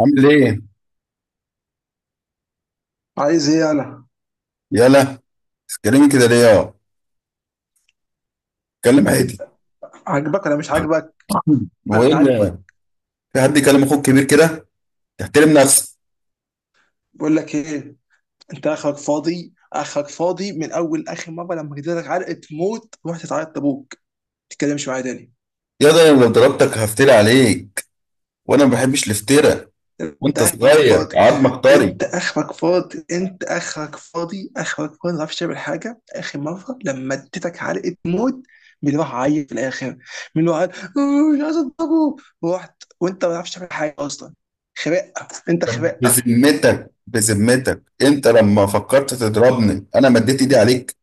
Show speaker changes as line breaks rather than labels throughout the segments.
عامل ايه؟
عايز ايه انا؟
يلا، تتكلمي كده ليه يا؟ اتكلم عادي.
عاجبك انا، مش عاجبك؟
هو
انا
ايه
مش عاجبك.
اللي؟ في حد يكلم اخوك كبير كده؟ تحترم نفسك
بقول لك ايه، انت اخرك فاضي، اخرك فاضي. من اول اخر مره لما جيت لك علقه موت رحت تعيط لابوك، ما تتكلمش معايا تاني.
يا ده. انا لو ضربتك هفتري عليك، وانا ما بحبش الافتراء،
انت
وانت
اخرك
صغير
فاضي،
عظمك طري.
انت اخرك فاضي، انت اخرك فاضي، اخرك فاضي. ما تعرفش تعمل حاجه. اخر مره لما اديتك علقه موت، مين راح عيط في الاخر؟ مين راح عيط؟ "آه، مش عايز اضربه". رحت وانت ما تعرفش تعمل حاجه اصلا. خرقه. انت
طب
خرقه.
بذمتك بذمتك، انت لما فكرت تضربني انا مديت ايدي عليك؟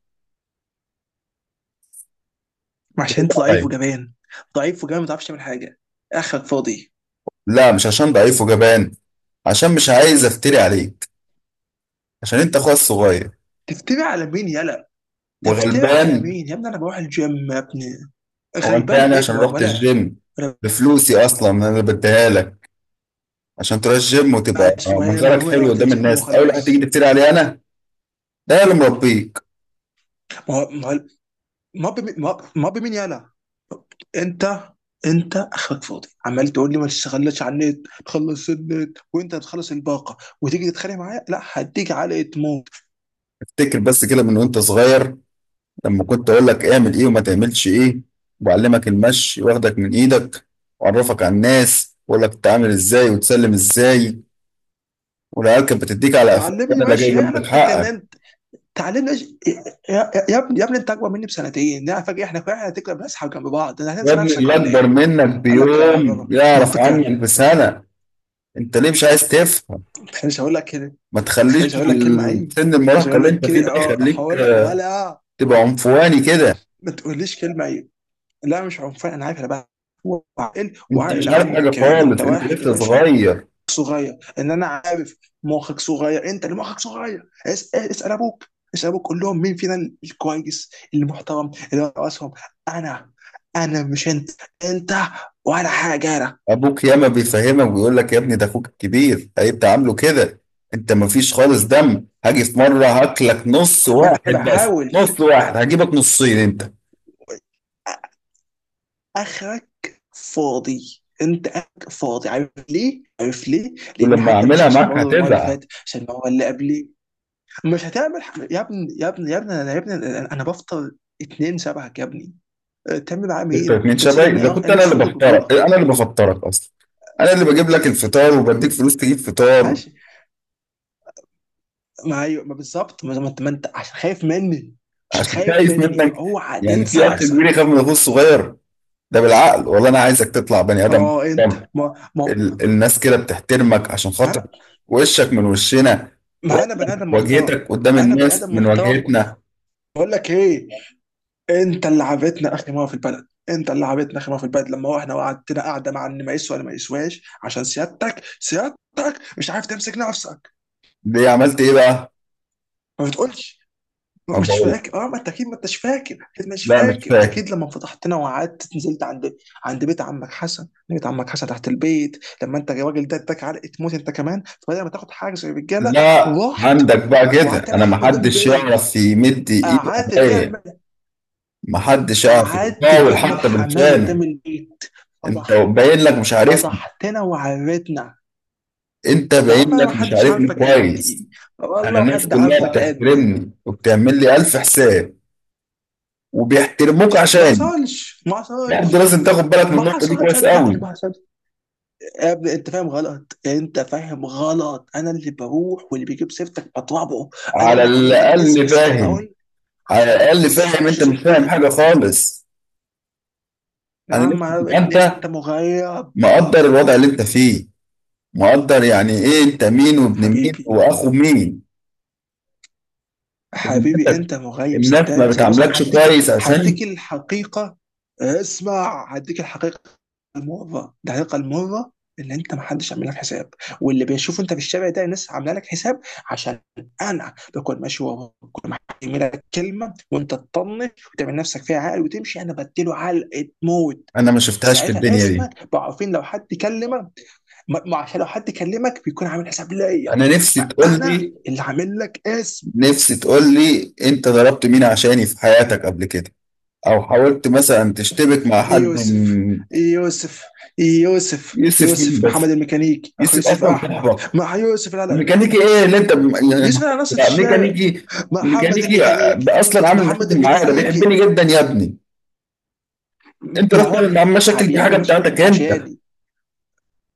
رد
عشان انت ضعيف
عليا.
وجبان. ضعيف وجبان، ما تعرفش تعمل حاجه. اخرك فاضي.
لا، مش عشان ضعيف وجبان، عشان مش عايز افتري عليك، عشان انت اخويا الصغير
تفتري على مين يلا؟ تفتري على
وغلبان.
مين يا ابني؟ انا بروح الجيم يا ابني.
هو انت
غلبان
يعني
ايه
عشان رحت
ولا؟
الجيم؟
ولا؟
بفلوسي اصلا انا بديها لك عشان تروح الجيم وتبقى
مش مهم،
منظرك
هو انا
حلو
رحت
قدام
الجيم
الناس، اول واحد تيجي
وخلاص.
تفتري عليه انا؟ ده أنا اللي مربيك.
ما هو ما هو- ما هو بمين- ما هو- ما هو بمين يلا؟ انت انت اخرك فاضي، عمال تقول لي ما تشتغلش على النت، تخلص النت وانت بتخلص الباقه وتيجي تتخانق معايا. لا، هديك علقه موت.
افتكر بس كده من وانت صغير، لما كنت اقول لك اعمل ايه وما تعملش ايه، وبعلمك المشي واخدك من ايدك، واعرفك على الناس واقول لك تتعامل ازاي وتسلم ازاي، والعيال كانت بتديك على قفاك
تعلمني
انا اللي جاي
ماشي ايه انا؟
جنبك
انت
حقك.
اتجننت. تعلمنا إيش- يا يا- يا ابني، يا ابني، انت اكبر مني بسنتين؟ لا فاكر احنا هتكبر بنسحب جنب بعض، انا
يا
هتنسى
ابني
نفسك
اللي
ولا
اكبر
ايه؟
منك
قال لك يا
بيوم
بابا
يعرف
منطقة.
عنك بسنه. انت ليه مش عايز تفهم؟
ما تخلينيش اقول لك كده. ما
ما تخليش
تخلينيش اقول لك كلمة عيب.
سن
مش
المراهقة
هقول
اللي
لك
انت فيه ده
كده، اه
يخليك
هقول لك ولا...
تبقى عنفواني كده.
ما تقوليش كلمة عيب. لا مش عنفان، انا عارف انا بقى، وعاقل
انت
وعاقل
مش عارف
عنك
حاجة
كمان. انت
خالص، انت
واحد يا
لسه
باشا؟
صغير.
صغير ان انا؟ مخك صغير، انت اللي مخك صغير. اسال ابوك، اسال ابوك، قول لهم مين فينا الكويس المحترم اللي راسهم. انا. انا مش انت. انت ولا حاجه. انا.
ابوك ياما بيفهمك ويقول لك يا ابني ده اخوك الكبير هيبقى عامله كده. انت مفيش خالص دم، هاجي في مرة هاكلك نص
ما انا
واحد، بس
بحاول.
نص واحد هجيبك نصين انت،
اخرك فاضي، انت اخرك فاضي. عارف ليه؟ عارف ليه؟ لان
ولما
حتى مش
اعملها
عشان
معاك
برضه المره اللي
هتزعل.
فاتت، عشان المره اللي قبليه. مش هتعمل يا ابني، يا ابني، يا ابني انا يا ابني انا أنا بفطر اتنين شبهك يا ابني. أه، تعمل معاه
دكتور
مين؟
من
انت نسيت
شبابي،
مين؟
اذا كنت
أنا
انا
لسه
اللي
واخد
بفطرك،
بطوله.
انا اللي بفطرك اصلا، انا اللي بجيب لك الفطار وبديك فلوس تجيب فطار.
ماشي. ما ايوه، ما بالظبط. ما انت، ما انت عشان خايف مني. عشان
عشان كده
خايف
خايف
مني
منك؟
فاوعى
يعني
تنسى
في اخ كبير
نفسك.
يخاف من اخوه الصغير؟ ده بالعقل؟ والله انا عايزك تطلع بني ادم
اه، انت
محترم.
ما
الناس كده بتحترمك عشان خاطر
انا،
وشك من وشنا،
ما انا بني
وإحنا
ادم محترم.
واجهتك قدام
انا بني
الناس
ادم
من
محترم.
واجهتنا.
بقول لك ايه، انت اللي عابتنا اخر مره في البلد. انت اللي عابتنا اخر مره في البلد لما احنا قعدتنا قاعده، مع ان ما يسوى ولا ما يسواش، عشان سيادتك، سيادتك مش عارف تمسك نفسك.
ليه؟ عملت ايه بقى؟
ما بتقولش.
ما
مش
بقول،
فاكر؟ اه، ما انت اكيد ما انتش فاكر، اكيد مش
لا مش
فاكر،
فاكر.
اكيد. لما فتحتنا وقعدت نزلت عند بيت عمك حسن، بيت عمك حسن تحت البيت، لما انت الراجل ده اداك علقه موت انت كمان. فبدل ما تاخد حاجه زي الرجاله،
لا
رحت
عندك بقى
وقعدت
كده،
تعمل
انا ما
حمام قدام
حدش
البيت.
يعرف يمد ايده
قعدت
عليا،
تعمل،
ما حدش يعرف
قعدت
يحاول
تعمل
حتى
حمام
بالفعل.
قدام البيت.
انت
فضح
باين لك مش عارفني،
فضحتنا وعرتنا.
انت
يا عم،
باين
انا ما
لك مش
حدش
عارفني
عارفك قد
كويس.
ايه.
انا
والله ما
الناس
حد
كلها
عارفك قد ايه.
بتحترمني وبتعمل لي الف حساب، وبيحترموك
ما
عشاني.
حصلش، ما
برضه
حصلش.
لازم تاخد بالك من
ما
النقطه دي
حصل،
كويس
صدقني،
قوي.
ما حصل. يا ابني انت فاهم غلط، انت فاهم غلط. انا اللي بروح واللي بيجيب سيرتك بطبعه. انا
على
اللي عامل لك اسم،
الاقل
بس مش هقدر
فاهم.
اقول،
على
عشان ما
الاقل فاهم؟
اكسرش
انت مش فاهم
صوتك.
حاجه خالص.
يا
انا
عم،
نفسي
يا
تبقى
ابني
انت
انت مغيب.
مقدر الوضع اللي انت فيه، مقدر يعني ايه انت مين وابن مين
حبيبي،
واخو مين.
حبيبي
بذمتك،
انت مغيب.
الناس ما
صدقني، بص،
بتعاملكش
هديك...
كويس عشاني؟
هديك الحقيقه. اسمع، هديك الحقيقه. المره، الحقيقه المره اللي انت... ما حدش عامل لك حساب. واللي بيشوفه انت في الشارع ده، الناس عامله لك حساب عشان انا بكون ماشي وراك، بكون محمل لك كلمه وانت تطنش وتعمل نفسك فيها عقل وتمشي، انا بديله علقه موت.
انا ما شفتهاش في
ساعتها
الدنيا دي.
اسمك بقوا عارفين. لو حد كلمك، ما عشان لو حد كلمك بيكون عامل حساب ليا،
انا نفسي تقول
فانا
لي،
اللي عامل لك اسم.
نفسي تقول لي انت ضربت مين عشاني في حياتك قبل كده، او حاولت مثلا تشتبك مع حد
يوسف.
من؟
يوسف. يوسف،
يوسف مين
يوسف
بس؟
محمد الميكانيكي، اخو
يوسف
يوسف
اصلا
احمد،
صاحبك.
مع يوسف، لا لا،
ميكانيكي ايه اللي انت يا
يوسف
نهار
على نص
أبيض.
الشارع،
ميكانيكي؟
محمد
ميكانيكي؟ ده
الميكانيكي.
اصلا عامل
محمد
مشاكل معايا؟ ده بيحبني
الميكانيكي.
جدا يا ابني. انت
ما
رحت
هو
تعمل معاه
بيحبك،
مشاكل، دي حاجه
بيعمل نفسه
بتاعتك
بيحبك
انت.
عشاني.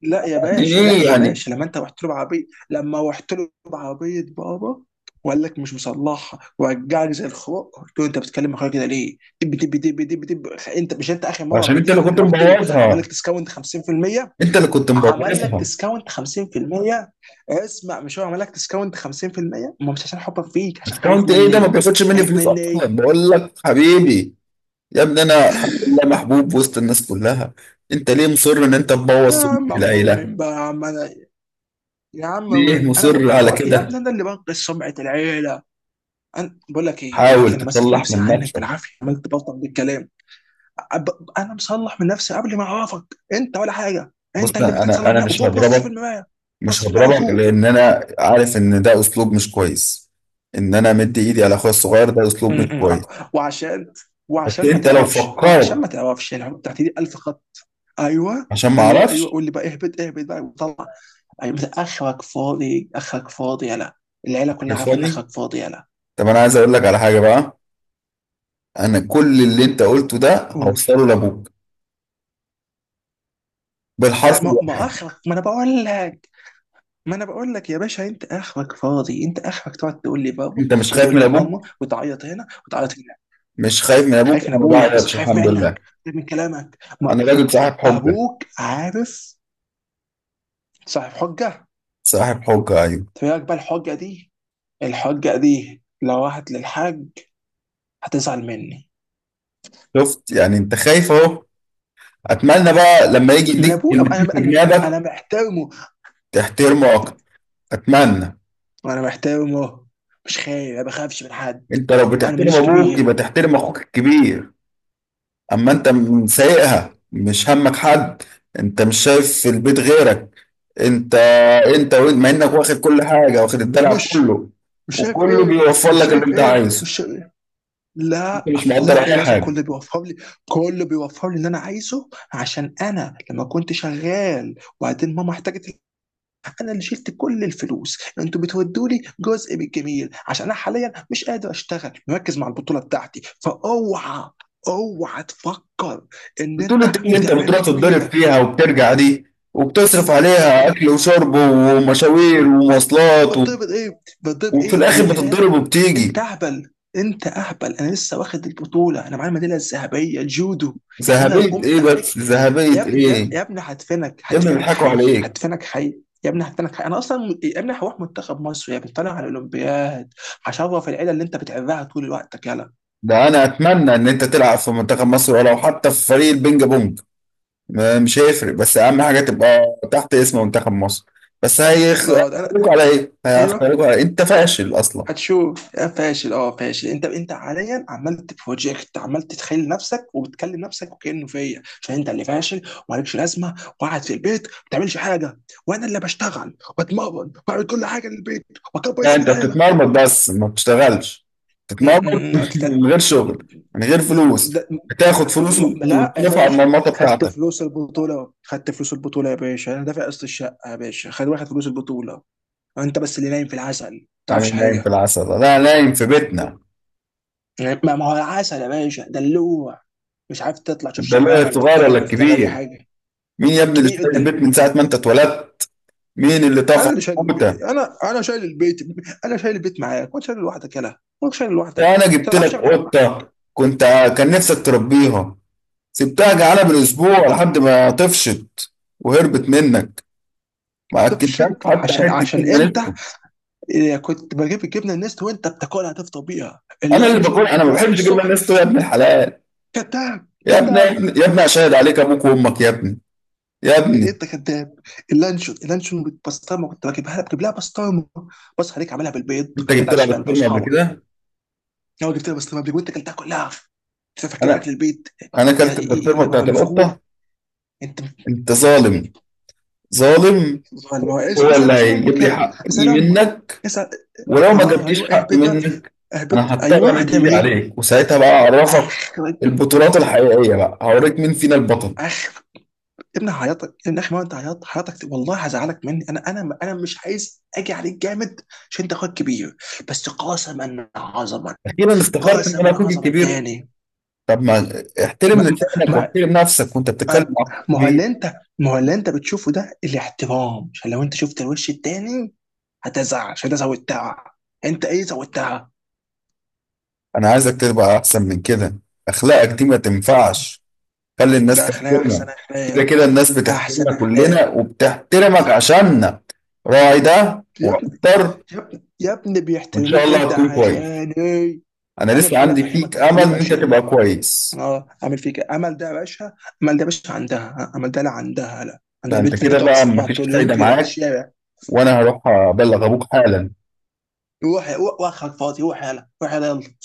لا يا
يعني
باشا، لا
ايه
يا
يعني؟
باشا، لما انت رحت له بعربيه. لما رحت له بعربيه بابا، وقال لك مش مصلحها، ورجعك زي الخروق، قلت له: انت بتتكلم اخويا كده ليه؟ دب دب دب دب دب. انت مش انت اخر مره
عشان انت اللي
بعديها
كنت
لما رحت له عمل
مبوظها،
لك ديسكاونت 50%.
انت اللي كنت
عمل لك
مبوظها.
ديسكاونت 50%. اسمع، مش هو عمل لك ديسكاونت 50%؟ ما مش عشان حبك فيك، عشان خايف
اكونت ايه ده؟ ما
مني.
بياخدش مني
خايف
فلوس
مني.
اصلا، بقول لك حبيبي. يا ابني انا الحمد لله محبوب وسط الناس كلها. انت ليه مصر ان انت تبوظ
يا
سمعه
عم محبوب
العيله؟
من بقى، يا عم؟ انا يا عم.
ليه
انا
مصر على
يا
كده؟
ابني انا اللي بنقذ سمعه العيله. انا بقول لك ايه، بقول لك
حاول
إيه، انا ماسك
تطلع
نفسي
من
عنك
نفسك.
بالعافيه، عملت بلطم بالكلام. انا مصلح من نفسي قبل ما اعرفك. انت ولا حاجه.
بص،
انت اللي محتاج
انا
تصلح من
انا
نفسك
مش
وفوق، بص في
هضربك.
المرايه.
مش
بص في المرايه
هضربك
وفوق.
لان انا عارف ان ده اسلوب مش كويس، ان انا مدي ايدي على اخويا الصغير ده
م-
اسلوب مش
م.
كويس.
وعشان،
بس
وعشان ما
انت لو
تعرفش وعشان
فكرت
ما تعرفش العقد بتاعتي دي 1000. ايوه.
عشان ما
ايوه، ايوه،
اعرفش؟
قول لي بقى. اهبط، اهبط بقى وطلع. ايوه، مثلا اخرك فاضي، اخرك فاضي يلا. العيله
أنا
كلها عارفه ان
فاضي.
اخرك فاضي يلا.
طب انا عايز اقول لك على حاجه بقى. انا كل اللي انت قلته ده
قول.
هوصله لابوك بالحرف
ما
الواحد.
اخرك، ما انا بقول لك، ما انا بقول لك يا باشا، انت اخرك فاضي، انت اخرك تقعد تقول لي بابا
انت مش خايف
وتقول
من
لي
ابوك؟
ماما، وتعيط هنا وتعيط هنا.
مش خايف من ابوك؟
خايف من
انا ما
ابويا، بس مش
بعرفش.
خايف
الحمد لله
منك. خايف من كلامك، ما
انا راجل صاحب حجه.
ابوك عارف. صاحب حجه.
صاحب حجه، ايوه.
تبقى بقى الحجه دي، الحجه دي لو راحت للحاج، هتزعل مني.
شفت؟ يعني انت خايف اهو. اتمنى بقى لما يجي
من
يديك
ابوه. أب-
كلمتين
انا
في
انا
جنابك
انا محترمه.
تحترمه اكتر. اتمنى.
انا محترمه. مش خايف، ما بخافش من حد.
انت لو
انا
بتحترم
ماليش
ابوك يبقى
كبير.
تحترم اخوك الكبير. اما انت سايقها مش همك حد، انت مش شايف في البيت غيرك. انت انت وانت مع انك واخد كل حاجه واخد الدلع
مش
كله،
مش شايف
وكله
ايه؟
بيوفر
مش
لك اللي
شايف
انت
ايه؟
عايزه،
مش شايف إيه؟
انت
لا.
مش مقدر
لا يا
اي
باشا،
حاجه.
كل بيوفر لي. كل بيوفر لي اللي انا عايزه، عشان انا لما كنت شغال وبعدين ماما احتاجت، انا اللي شلت كل الفلوس. انتوا بتودوا لي جزء من الجميل عشان انا حاليا مش قادر اشتغل، مركز مع البطوله بتاعتي. فاوعى، اوعى تفكر ان
بتقول
انت
الدنيا اللي انت
بتعمل
بتروح
لي
تتضرب
جميله.
فيها وبترجع دي، وبتصرف عليها اكل وشرب ومشاوير ومواصلات و...
بتضرب ايه؟ بتضرب
وفي
ايه؟
الاخر
يا
بتتضرب
هالاند، انت
وبتيجي.
اهبل. انت اهبل. انا لسه واخد البطوله، انا معايا الميداليه الذهبيه، جودو. يعني انا لو
ذهبية ايه
قمت عليك
بس؟
يا
ذهبية
ابني... يا
ايه؟
يا ابني، هدفنك،
يا ابني
هدفنك
بيضحكوا
حي،
عليك.
هدفنك حي. يا ابني هدفنك حي. انا اصلا يا ابني هروح منتخب مصر يا ابني، طالع على الاولمبياد. هشرف العيله اللي انت بتعبها طول وقتك يلا.
ده انا اتمنى ان انت تلعب في منتخب مصر، ولو حتى في فريق البينج بونج. مش هيفرق، بس اهم حاجة تبقى تحت اسم منتخب مصر. بس
اه، ده انا.
هيختاروك على ايه؟
ايوه.
هيختاروك على إيه؟ انت فاشل اصلا.
هتشوف يا فاشل. اه فاشل انت. انت حاليا عمال تبروجكت، عمال تتخيل نفسك وبتكلم نفسك وكانه فيا عشان انت اللي فاشل، ومالكش لازمه، وقاعد في البيت ما بتعملش حاجه، وانا اللي بشتغل واتمرن واعمل كل حاجه للبيت واكبر
لا،
اسم
انت
العيله.
بتتمرمط بس ما بتشتغلش.
م-
بتتمرمط
م- لا
من غير شغل، من غير فلوس.
لا-
بتاخد فلوس
لا يا
وتلف على
باشا.
المرمطة
خدت
بتاعتك.
فلوس البطوله، خدت فلوس البطوله يا باشا. انا دافع قسط الشقه يا باشا، خد واخد فلوس البطوله. انت بس اللي نايم في العسل، ما
انا
تعرفش
نايم في
حاجه.
العسل؟ لا، نايم في بيتنا.
يعني ما هو العسل يا باشا دلوع. مش عارف تطلع تشوف
انت لا
شغلانه، ولا
الصغير ولا
تتجوز، تعمل اي
الكبير.
حاجه.
مين يا ابني اللي
الكبير
شايل البيت
الدلوع.
من ساعة ما انت اتولدت؟ مين اللي
انا
طفح
اللي شايل
قوتة؟
البيت، انا شايل البيت. انا شايل البيت معاك، وانت شايل لوحدك يلا. وانت شايل لوحدك،
ده
أنت
انا
ما
جبت
تعرفش
لك
تعمل حاجه لوحدك.
قطة كنت كان نفسك تربيها، سبتها جعانة بالاسبوع لحد ما طفشت وهربت منك، ما اكلتهاش
تفشط
حتى
عشان
حتة جبنة
انت...
نستو.
كنت بجيب الجبنه النست وانت بتاكلها، تفطر بيها
انا اللي باكل؟
اللانشون.
انا
كنت
ما
بصحى
بحبش جبنة
الصبح.
نستو يا ابن الحلال.
كذاب،
يا ابني،
كذاب.
يا ابني اشهد عليك ابوك وامك يا ابني، يا
إيه، إيه
ابني.
انت كذاب. اللانشون، اللانشون بالبسطرمه كنت بجيبها لك، بجيب لها بسطرمه. بصحى عليك عاملها بالبيض.
انت
ما
جبت لها
تعرفش بقى انت
بسطرمة قبل
واصحابك.
كده؟
هو جبتها، بس لما وانت اكلتها كلها.
انا
فاكر اكل البيت.
انا
يا
اكلت البسطرمة
يا بابا
بتاعت
مفجوع.
القطة؟
انت
انت ظالم. ظالم.
ظالم. هو
هو
اسال،
اللي
اسال
هيجيب
امك
لي
هلا. اسال
حقي
امك.
منك،
اسال.
ولو ما
اه، ايوه،
جبتيش حقي
اهبط بقى.
منك انا
اهبط،
هضطر
ايوه
امد
هتعمل
ايدي
ايه؟
عليك، وساعتها بقى اعرفك
اخرج.
البطولات الحقيقيه، بقى هوريك مين فينا البطل.
اخرج. يا ابني هعيطك يا ابني اخي، ما انت عيطت حياتك والله، هزعلك مني. انا مش عايز اجي عليك جامد عشان انت اخوك كبير، بس قاسما عظما.
اخيرا استخرت ان انا
قاسما
اخوك
عظما
الكبير.
تاني.
طب ما احترم
ما,
لسانك
ما,
واحترم نفسك وانت بتتكلم
أم-
مع اخوك
ما هو
الكبير.
اللي انت... ما هو اللي انت بتشوفه ده الاحترام؟ عشان لو انت شفت الوش التاني هتزعل. عشان ده زودتها. انت ايه زودتها؟
انا عايزك تبقى احسن من كده، اخلاقك دي ما تنفعش. خلي الناس
ده اخلاق،
تحترمك.
احسن
كده
اخلاق.
كده الناس
احسن
بتحترمنا
اخلاق.
كلنا وبتحترمك عشاننا. راعي ده
يا ابني،
واقدر.
يا ابني، يا ابني
وان شاء
بيحترموك
الله
انت
هتكون كويس.
عشان ايه؟
انا
انا
لسه
بحاول
عندي
افهمك
فيك امل ان
بيحترموك
انت
عشان...
تبقى كويس.
اه، اعمل فيك إيه؟ امل ده يا باشا، امل ده يا باشا. عندها اه، امل ده؟ لا عندها، لا عندها
ده انت
البنت اللي انت
كده
بتقعد
بقى
تستناها
مفيش
طول اليوم
فايدة
كده في
معاك.
الشارع.
وانا هروح ابلغ ابوك حالا.
روح، روح واخرك فاضي، روح يلا، روح يلا.